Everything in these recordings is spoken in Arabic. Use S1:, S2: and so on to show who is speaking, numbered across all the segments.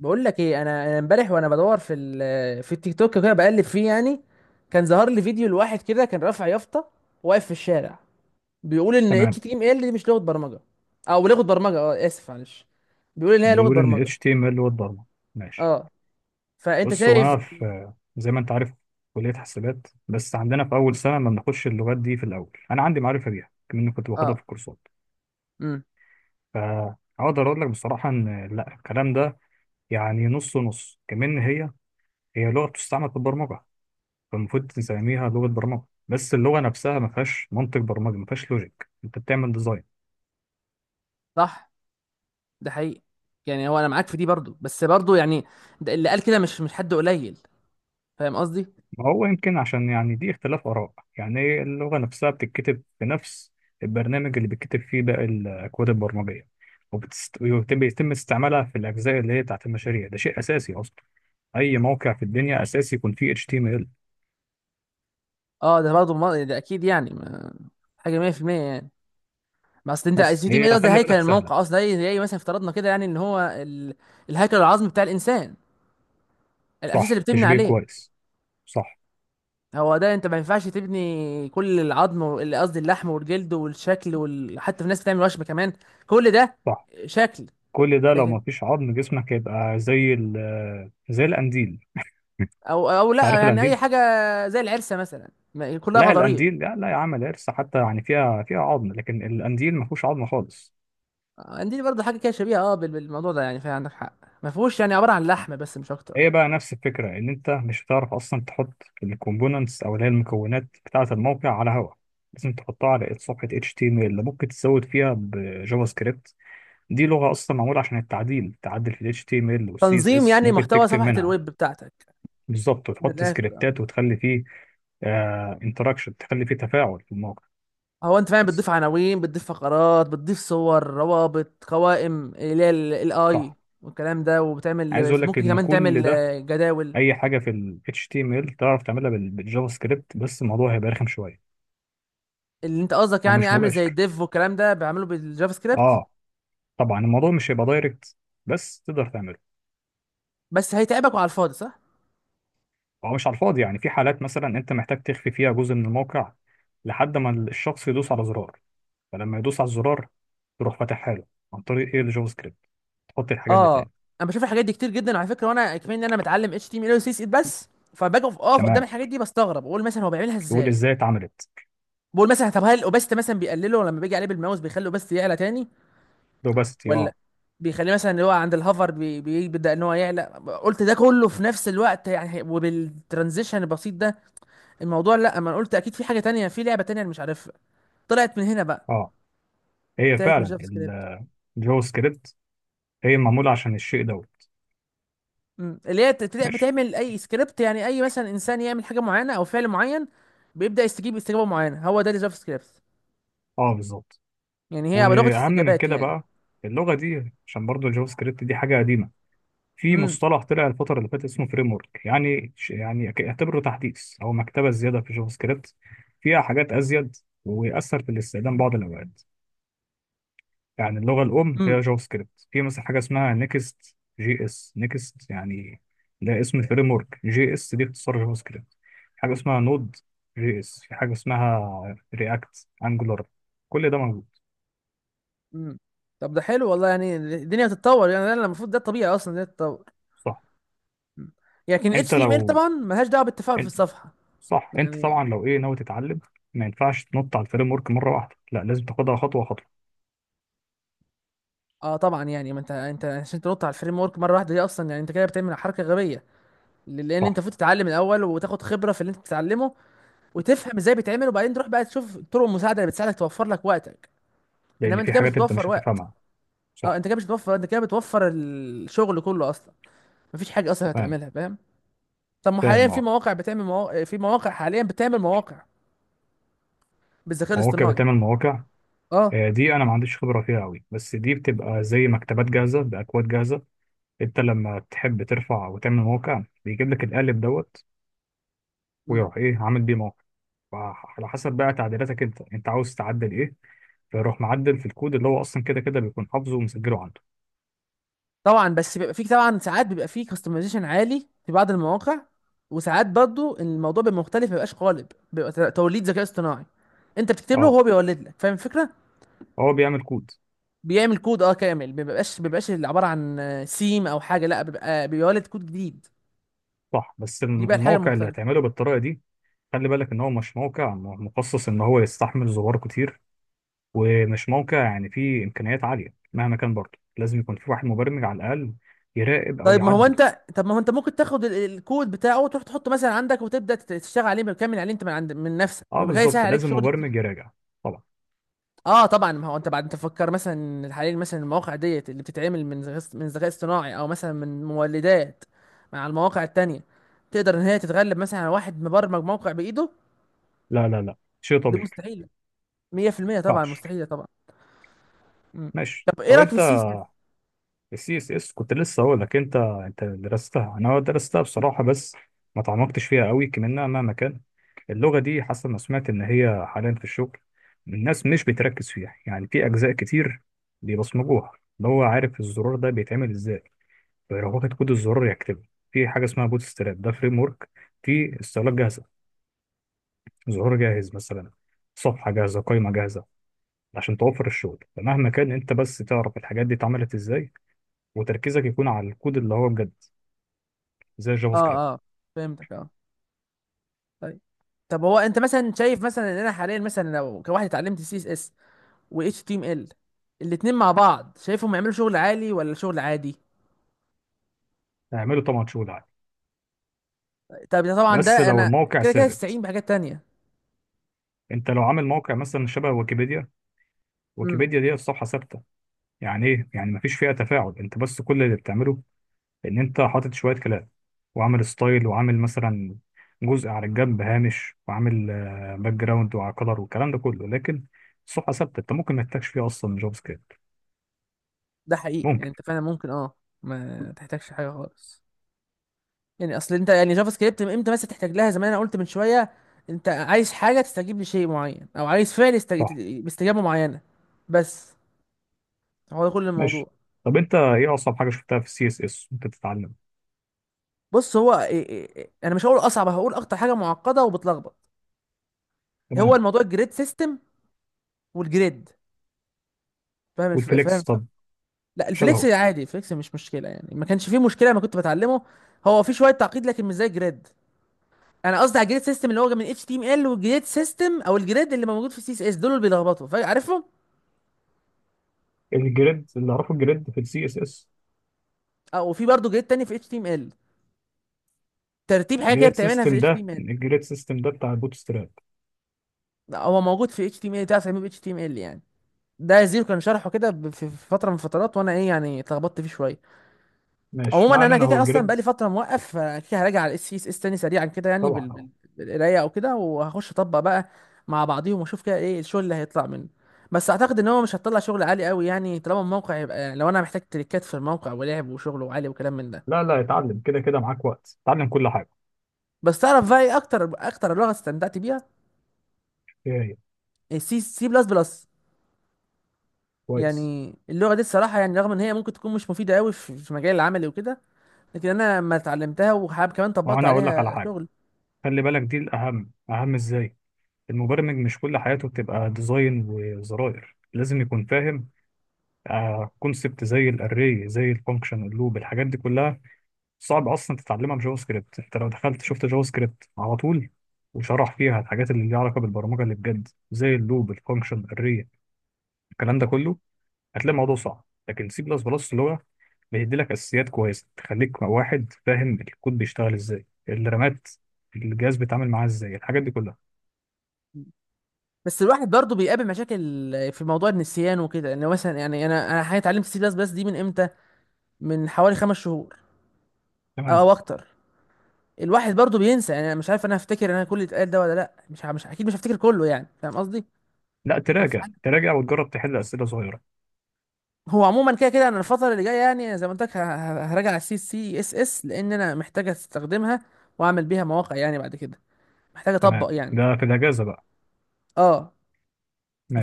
S1: بقول لك ايه، انا امبارح وانا بدور في التيك توك كده بقلب فيه يعني. كان ظهر لي فيديو لواحد كده كان رافع يافطه، واقف في الشارع، بيقول ان اتش
S2: تمام.
S1: تي ام ال دي مش لغه برمجه. او لغه برمجه، اسف معلش، بيقول ان هي لغه
S2: بيقول ان ال
S1: برمجه.
S2: HTML هو الضغط. ماشي.
S1: اه، فانت
S2: بص، هو
S1: شايف.
S2: انا، في زي ما انت عارف، كلية حسابات، بس عندنا في اول سنة ما بناخدش اللغات دي في الاول. انا عندي معرفة بيها، كمان كنت باخدها في
S1: اه.
S2: الكورسات.
S1: امم.
S2: فاقدر اقول لك بصراحة ان لا، الكلام ده يعني نص نص. كمان هي لغة بتستعمل في البرمجة، فالمفروض تسميها لغة برمجة، بس اللغة نفسها ما فيهاش منطق برمجي، ما فيهاش لوجيك، انت بتعمل ديزاين.
S1: صح، ده حقيقي، يعني هو انا معاك في دي برضو، بس برضو يعني ده اللي قال كده مش حد قليل، فاهم قصدي.
S2: ما هو يمكن عشان يعني دي اختلاف آراء. يعني اللغة نفسها بتتكتب في نفس البرنامج اللي بتكتب فيه باقي الأكواد البرمجية، وبيتم استعمالها في الأجزاء اللي هي بتاعت المشاريع. ده شيء أساسي أصلا، أي موقع في الدنيا أساسي يكون فيه HTML.
S1: اه، ده برضو ده اكيد يعني حاجه 100% يعني. ما اصل انت
S2: بس
S1: السي تي ام
S2: هي
S1: ايه، قصدي
S2: خلي
S1: هيكل
S2: بالك سهلة.
S1: الموقع اصلا، زي مثلا افترضنا كده يعني ان هو ال... الهيكل العظمي بتاع الانسان، الاساس اللي
S2: صح،
S1: بتبني
S2: تشبيه
S1: عليه.
S2: كويس. صح.
S1: هو ده، انت ما ينفعش تبني كل العظم قصدي اللحم والجلد والشكل وال... حتى في ناس بتعمل وشم كمان، كل ده
S2: صح،
S1: شكل.
S2: كل ده لو
S1: لكن
S2: ما فيش عظم جسمك هيبقى زي ال، زي القنديل.
S1: او لا،
S2: تعرف
S1: يعني اي
S2: القنديل؟
S1: حاجه، زي العرسه مثلا، كلها
S2: لا،
S1: غضاريف.
S2: القنديل لا لا، يا عم القرصة حتى يعني فيها فيها عظم، لكن القنديل ما فيهوش عظم خالص.
S1: عندي برضه حاجه كده شبيهه، بالموضوع ده يعني، فعندك حق، ما فيهوش يعني، عباره عن لحم بس مش اكتر.
S2: هي بقى نفس الفكرة، إن أنت مش هتعرف أصلا تحط الكومبوننتس أو اللي هي المكونات بتاعة الموقع على هوا. لازم تحطها على صفحة HTML، اللي ممكن تزود فيها بجافا سكريبت. دي لغة أصلا معمولة عشان التعديل، تعدل في ال HTML وال
S1: تنظيم
S2: CSS.
S1: يعني
S2: ممكن
S1: محتوى
S2: تكتب
S1: صفحه
S2: منها
S1: الويب بتاعتك.
S2: بالظبط
S1: من
S2: وتحط
S1: الاخر آه.
S2: سكريبتات وتخلي فيه انتراكشن، تخلي فيه تفاعل في الموقع
S1: هو انت فعلا
S2: بس.
S1: بتضيف عناوين، بتضيف فقرات، بتضيف صور، روابط، قوائم اللي هي الاي
S2: صح.
S1: والكلام ده،
S2: عايز
S1: وبتعمل
S2: أقول لك
S1: ممكن
S2: إن
S1: كمان تعمل
S2: كل ده،
S1: آه، جداول.
S2: أي حاجة في ال HTML تعرف تعملها بالجافا سكريبت، بس الموضوع هيبقى رخم شوية
S1: اللي انت قصدك يعني
S2: ومش
S1: اعمل زي
S2: مباشر.
S1: الديف والكلام ده بيعمله بالجافا سكريبت.
S2: اه، طبعا الموضوع مش هيبقى دايركت، بس تقدر تعمله.
S1: بس هيتعبك وعلى الفاضي، صح.
S2: هو مش على الفاضي، يعني في حالات مثلا انت محتاج تخفي فيها جزء من الموقع لحد ما الشخص يدوس على زرار. فلما يدوس على الزرار تروح فاتحها له عن طريق ايه؟ الجافا سكريبت. تحط الحاجات دي
S1: اه،
S2: تاني.
S1: انا بشوف الحاجات دي كتير جدا على فكره، وانا كمان ان انا متعلم اتش تي ام ال وسي اس اس، بس فباجي اقف قدام
S2: تمام،
S1: الحاجات دي بستغرب، بقول مثلا هو بيعملها
S2: تقول
S1: ازاي.
S2: ازاي اتعملت.
S1: بقول مثلا طب هل الاوباسيتي مثلا بيقلله، لما بيجي عليه بالماوس بيخلي الاوباسيتي يعلى تاني،
S2: روباستي،
S1: ولا
S2: اه.
S1: بيخليه مثلا اللي هو عند الهوفر بيبدأ ان هو يعلى، قلت ده كله في نفس الوقت يعني، وبالترانزيشن البسيط ده الموضوع. لا، اما أنا قلت اكيد في حاجة تانية، في لعبة تانية انا مش عارفها، طلعت من هنا بقى،
S2: اه، هي
S1: طلعت من
S2: فعلا
S1: جافا سكريبت.
S2: الجافا سكريبت هي معموله عشان الشيء دوت.
S1: أمم. اللي هي تبدأ
S2: ماشي.
S1: بتعمل اي سكريبت، يعني اي مثلا انسان يعمل حاجة معينة او فعل معين، بيبدأ يستجيب استجابة معينة، هو ده الجافا سكريبت.
S2: اه بالظبط.
S1: يعني هي لغة
S2: واهم من
S1: استجابات
S2: كده
S1: يعني.
S2: بقى، اللغه دي، عشان برضو الجافا سكريبت دي حاجه قديمه، في
S1: امم.
S2: مصطلح طلع الفترة اللي فاتت اسمه فريم ورك، يعني يعني اعتبره تحديث أو مكتبة زيادة في جافا سكريبت، فيها حاجات أزيد ويأثر في الاستخدام بعض الأوقات. يعني اللغة الأم هي
S1: امم.
S2: جافا سكريبت، في مثلا حاجة اسمها نيكست جي اس، نيكست يعني. ده اسم فريم ورك، جي اس دي اختصار جافا سكريبت. في حاجة اسمها نود جي اس، في حاجة اسمها رياكت، أنجولار، كل ده موجود.
S1: امم. طب ده حلو والله، يعني الدنيا بتتطور، يعني ده المفروض، ده الطبيعي اصلا ده تتطور.
S2: صح.
S1: لكن ال
S2: أنت
S1: HTML
S2: لو،
S1: طبعا ملهاش دعوه بالتفاعل في الصفحه.
S2: صح، انت
S1: يعني
S2: طبعا لو ايه ناوي تتعلم، ما ينفعش تنط على الفريم ورك مره واحده، لا، لازم تاخدها خطوه خطوه.
S1: اه طبعا، يعني ما انت عشان تنط على الفريم ورك مره واحده دي اصلا، يعني انت كده بتعمل حركه غبيه. لان
S2: صح.
S1: انت المفروض تتعلم الاول وتاخد خبره في اللي انت بتتعلمه، وتفهم ازاي بيتعمل، وبعدين تروح بقى تشوف طرق المساعده اللي بتساعدك توفر لك وقتك.
S2: لان
S1: انما انت
S2: في
S1: كده مش
S2: حاجات انت
S1: بتوفر
S2: مش
S1: وقت.
S2: هتفهمها.
S1: اه،
S2: صح.
S1: انت كده مش بتوفر، انت كده بتوفر الشغل كله اصلا، مفيش حاجه اصلا
S2: فاهم.
S1: هتعملها، فاهم. طب ما حاليا
S2: فاهم
S1: في
S2: اه.
S1: مواقع بتعمل مواقع، في مواقع حاليا بتعمل مواقع بالذكاء
S2: مواقع
S1: الاصطناعي.
S2: بتعمل مواقع.
S1: اه
S2: آه، دي انا ما عنديش خبره فيها قوي، بس دي بتبقى زي مكتبات جاهزه، باكواد جاهزه. انت لما تحب ترفع وتعمل موقع بيجيب لك القالب دوت، ويروح ايه عامل بيه موقع. على حسب بقى تعديلاتك، انت انت عاوز تعدل ايه، فيروح معدل في الكود اللي هو اصلا كده كده بيكون حافظه ومسجله عنده.
S1: طبعا. بس بيبقى فيك طبعا ساعات بيبقى فيه كاستمايزيشن عالي في بعض المواقع، وساعات برضو الموضوع بيبقى مختلف، ما بيبقاش قالب، بيبقى توليد ذكاء اصطناعي. انت بتكتب له
S2: اه.
S1: وهو بيولد لك، فاهم الفكره.
S2: هو بيعمل كود.
S1: بيعمل كود كامل، ما بيبقاش اللي عباره عن سيم او حاجه، لا، بيبقى بيولد كود جديد،
S2: صح، بس
S1: دي بقى الحاجه
S2: الموقع اللي
S1: المختلفه.
S2: هتعمله بالطريقه دي، خلي بالك ان هو مش موقع مخصص ان هو يستحمل زوار كتير، ومش موقع يعني فيه امكانيات عاليه. مهما كان برضه لازم يكون في واحد مبرمج على الاقل يراقب او يعدل.
S1: ما هو انت ممكن تاخد الكود بتاعه وتروح تحطه مثلا عندك، وتبدا تشتغل عليه بكامل عليه انت من نفسك،
S2: اه
S1: ويبقى كده
S2: بالظبط،
S1: يسهل عليك
S2: لازم
S1: شغل كتير.
S2: مبرمج يراجع. طبعا.
S1: اه طبعا، ما هو انت بعد انت تفكر مثلا حاليا، مثلا المواقع ديت اللي بتتعمل من ذكاء، اصطناعي، او مثلا من مولدات مع المواقع التانية، تقدر ان هي تتغلب مثلا على واحد مبرمج موقع بايده.
S2: لا، لا لا شيء
S1: دي
S2: طبيعي،
S1: مستحيله، 100%
S2: ما
S1: طبعا
S2: ينفعش.
S1: مستحيله طبعا. مم.
S2: ماشي.
S1: طب ايه
S2: طب
S1: رايك في
S2: انت،
S1: السي اس.
S2: السي اس اس كنت لسه هقول لك. انت، انت درستها، انا درستها بصراحه، بس ما تعمقتش فيها قوي كمان. مهما كان، اللغة دي حاسة، أنا سمعت إن هي حاليا في الشغل الناس مش بتركز فيها يعني في أجزاء كتير، بيبصمجوها. اللي هو عارف الزرار ده بيتعمل إزاي فيروح واخد كود الزرار يكتبه. في حاجة اسمها بوت ستراب، ده فريم ورك، في استهلاك جاهزة. زرار جاهز مثلا، صفحة جاهزة، قائمة جاهزة، عشان توفر الشغل. فمهما كان أنت بس تعرف الحاجات دي اتعملت إزاي، وتركيزك يكون على الكود اللي هو بجد، زي الجافا
S1: اه،
S2: سكريبت.
S1: اه، فهمتك. اه، طيب. طب هو انت مثلا شايف مثلا ان انا حاليا مثلا لو كواحد اتعلمت سي اس اس و اتش تي ام ال، الاتنين مع بعض، شايفهم يعملوا شغل عالي ولا شغل عادي.
S2: هيعمله طبعا شغل عادي،
S1: طب ده طبعا
S2: بس
S1: ده
S2: لو
S1: انا
S2: الموقع
S1: كده كده استعين
S2: ثابت.
S1: بحاجات تانية.
S2: انت لو عامل موقع مثلا شبه ويكيبيديا، ويكيبيديا دي الصفحه ثابته، يعني ايه يعني؟ مفيش فيها تفاعل، انت بس كل اللي بتعمله ان انت حاطط شويه كلام، وعامل ستايل، وعامل مثلا جزء على الجنب هامش، وعامل آه، باك جراوند وعلى كلر والكلام ده كله، لكن الصفحه ثابته، انت ممكن ما تحتاجش فيها اصلا جافا سكريبت.
S1: ده حقيقي، يعني
S2: ممكن.
S1: انت فعلا ممكن ما تحتاجش حاجه خالص. يعني اصل انت يعني، جافا سكريبت من امتى بس تحتاج لها، زي ما انا قلت من شويه، انت عايز حاجه تستجيب لشيء معين، او عايز فعل
S2: صح.
S1: يستج... باستجابه معينه. بس هو ده كل
S2: ماشي.
S1: الموضوع.
S2: طب انت ايه اصعب حاجه شفتها في السي اس اس وانت بتتعلم؟
S1: بص هو إيه إيه إيه، انا مش هقول اصعب، هقول اكتر حاجه معقده وبتلخبط هو
S2: تمام.
S1: الموضوع الجريد سيستم والجريد. فاهم الف... فاهم
S2: والفليكس
S1: الف-
S2: طب؟
S1: لا، الفليكس
S2: شبهه.
S1: عادي، الفليكس مش مشكله، يعني ما كانش فيه مشكله ما كنت بتعلمه. هو في شويه تعقيد لكن مش زي الجريد. انا قصدي على الجريد سيستم اللي هو من اتش تي ام ال، والجريد سيستم او الجريد اللي موجود في سي اس اس، دول اللي بيلخبطوا فعارفهم.
S2: الجريد اللي اعرفه الجريد في السي اس اس.
S1: اه، وفي برضه جريد تاني في اتش تي ام ال، ترتيب حاجه كده
S2: الجريد
S1: بتعملها في
S2: سيستم
S1: اتش تي
S2: ده،
S1: ام ال،
S2: الجريد سيستم ده بتاع البوت ستراب.
S1: هو موجود في اتش تي ام ال، تعرف تعمله في اتش تي ام ال يعني. ده زيرو كان شرحه كده في فتره من الفترات، وانا يعني اتلخبطت فيه شويه.
S2: ماشي،
S1: عموما
S2: ما
S1: انا
S2: علينا،
S1: كده
S2: هو
S1: كده اصلا
S2: الجريد.
S1: بقالي فتره موقف، فكده كده هراجع على الاس اس اس تاني سريعا كده، يعني
S2: طبعا.
S1: بالقرايه او كده، وهخش اطبق بقى مع بعضيهم واشوف كده ايه الشغل اللي هيطلع منه. بس اعتقد ان هو مش هتطلع شغل عالي قوي يعني، طالما الموقع يبقى، لو انا محتاج تريكات في الموقع ولعب وشغل وعالي وكلام من ده.
S2: لا، لا اتعلم، كده كده معاك وقت، اتعلم كل حاجة.
S1: بس تعرف بقى ايه اكتر اكتر لغه استمتعت بيها.
S2: هي.
S1: السي بلس بلس.
S2: كويس.
S1: يعني اللغه دي الصراحه يعني، رغم ان هي ممكن تكون مش مفيده قوي في مجال العملي وكده، لكن انا لما اتعلمتها وحاب كمان طبقت
S2: وانا اقول لك على
S1: عليها
S2: حاجة،
S1: شغل.
S2: خلي بالك دي الاهم، اهم ازاي، المبرمج مش كل حياته بتبقى ديزاين وزراير، لازم يكون فاهم كونسبت، زي الاري، زي الفانكشن، اللوب، الحاجات دي كلها، صعب اصلا تتعلمها بجافا سكريبت. انت لو دخلت شفت جافا سكريبت على طول، وشرح فيها الحاجات اللي ليها علاقة بالبرمجة اللي بجد، زي اللوب، الفانكشن، الاري، الكلام ده كله، هتلاقي الموضوع صعب. لكن سي بلس بلس لغة بيدي لك اساسيات كويسه، تخليك واحد فاهم الكود بيشتغل ازاي، الرامات الجهاز بيتعامل معاه ازاي، الحاجات دي كلها.
S1: بس الواحد برضه بيقابل مشاكل في موضوع النسيان وكده يعني، مثلا يعني انا حاليا اتعلمت سي بلس بلس دي من امتى، من حوالي 5 شهور
S2: تمام.
S1: او اكتر. الواحد برضه بينسى، يعني انا مش عارف انا هفتكر انا كل اللي اتقال ده ولا لا، مش مش اكيد مش هفتكر كله يعني، فاهم قصدي.
S2: لا، تراجع،
S1: هفعل-
S2: تراجع وتجرب تحل اسئله صغيره.
S1: هو عموما كده كده انا الفتره اللي جايه يعني، زي ما قلت لك، هراجع على السي اس اس لان انا محتاج استخدمها واعمل بيها مواقع يعني بعد كده، محتاج اطبق
S2: تمام،
S1: يعني.
S2: ده في الاجازه بقى.
S1: اه،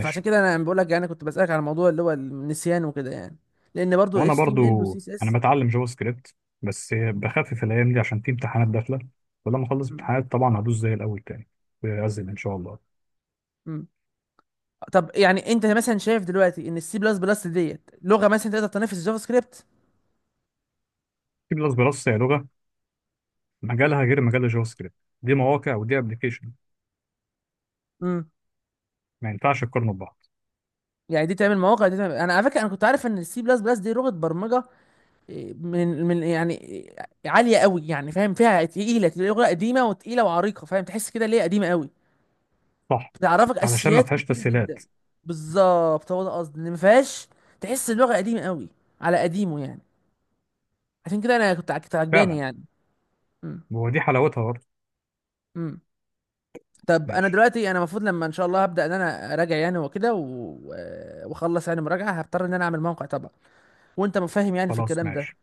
S1: فعشان كده انا بقول لك يعني كنت بسالك على الموضوع اللي هو النسيان وكده يعني، لان برضه ال
S2: وانا برضو
S1: HTML وال CSS.
S2: انا بتعلم جافا سكريبت، بس بخفف الايام دي عشان في امتحانات داخله، ولما اخلص
S1: مم.
S2: امتحانات طبعا هدوس زي الاول تاني. ويعزل ان شاء الله.
S1: مم. طب يعني انت مثلا شايف دلوقتي ان السي بلس بلس ديت لغه مثلا تقدر تنافس الجافا سكريبت.
S2: سي بلس بلس هي لغه مجالها غير مجال الجافا سكريبت، دي مواقع ودي ابلكيشن.
S1: امم.
S2: ما ينفعش تقارنوا ببعض.
S1: يعني دي تعمل مواقع، انا على فكره انا كنت عارف ان السي بلس بلس دي لغه برمجه، إيه، من يعني إيه، عاليه قوي يعني، فاهم فيها تقيله، لغه قديمه وتقيله وعريقه، فاهم تحس كده ليه قديمه قوي،
S2: صح،
S1: بتعرفك
S2: علشان ما
S1: اساسيات
S2: فيهاش
S1: كتيره
S2: تسهيلات.
S1: جدا. بالظبط، هو ده قصدي ان ما فيهاش، تحس اللغه قديمه قوي، على قديمه يعني، عشان كده انا كنت عجباني
S2: فعلا.
S1: يعني. امم.
S2: ودي حلاوتها برضه.
S1: امم. طب انا
S2: ماشي.
S1: دلوقتي انا المفروض لما ان شاء الله هبدا ان انا اراجع يعني واخلص يعني مراجعه، هضطر ان انا اعمل موقع طبعا، وانت مفهم يعني في
S2: خلاص
S1: الكلام ده.
S2: ماشي،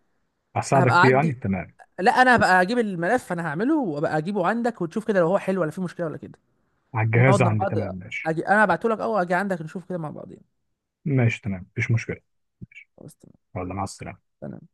S1: هبقى
S2: هساعدك فيه يعني،
S1: اعدي.
S2: تمام.
S1: لا، انا هبقى اجيب الملف، انا هعمله وابقى اجيبه عندك وتشوف كده لو هو حلو ولا فيه مشكله ولا كده،
S2: على
S1: نقعد
S2: الجهاز
S1: مع
S2: عندي،
S1: بعض.
S2: تمام، ماشي.
S1: انا هبعته لك او اجي عندك نشوف كده مع بعضين.
S2: ماشي تمام، مفيش مشكلة. ماشي.
S1: خلاص تمام.
S2: يلا مع السلامة.
S1: تمام.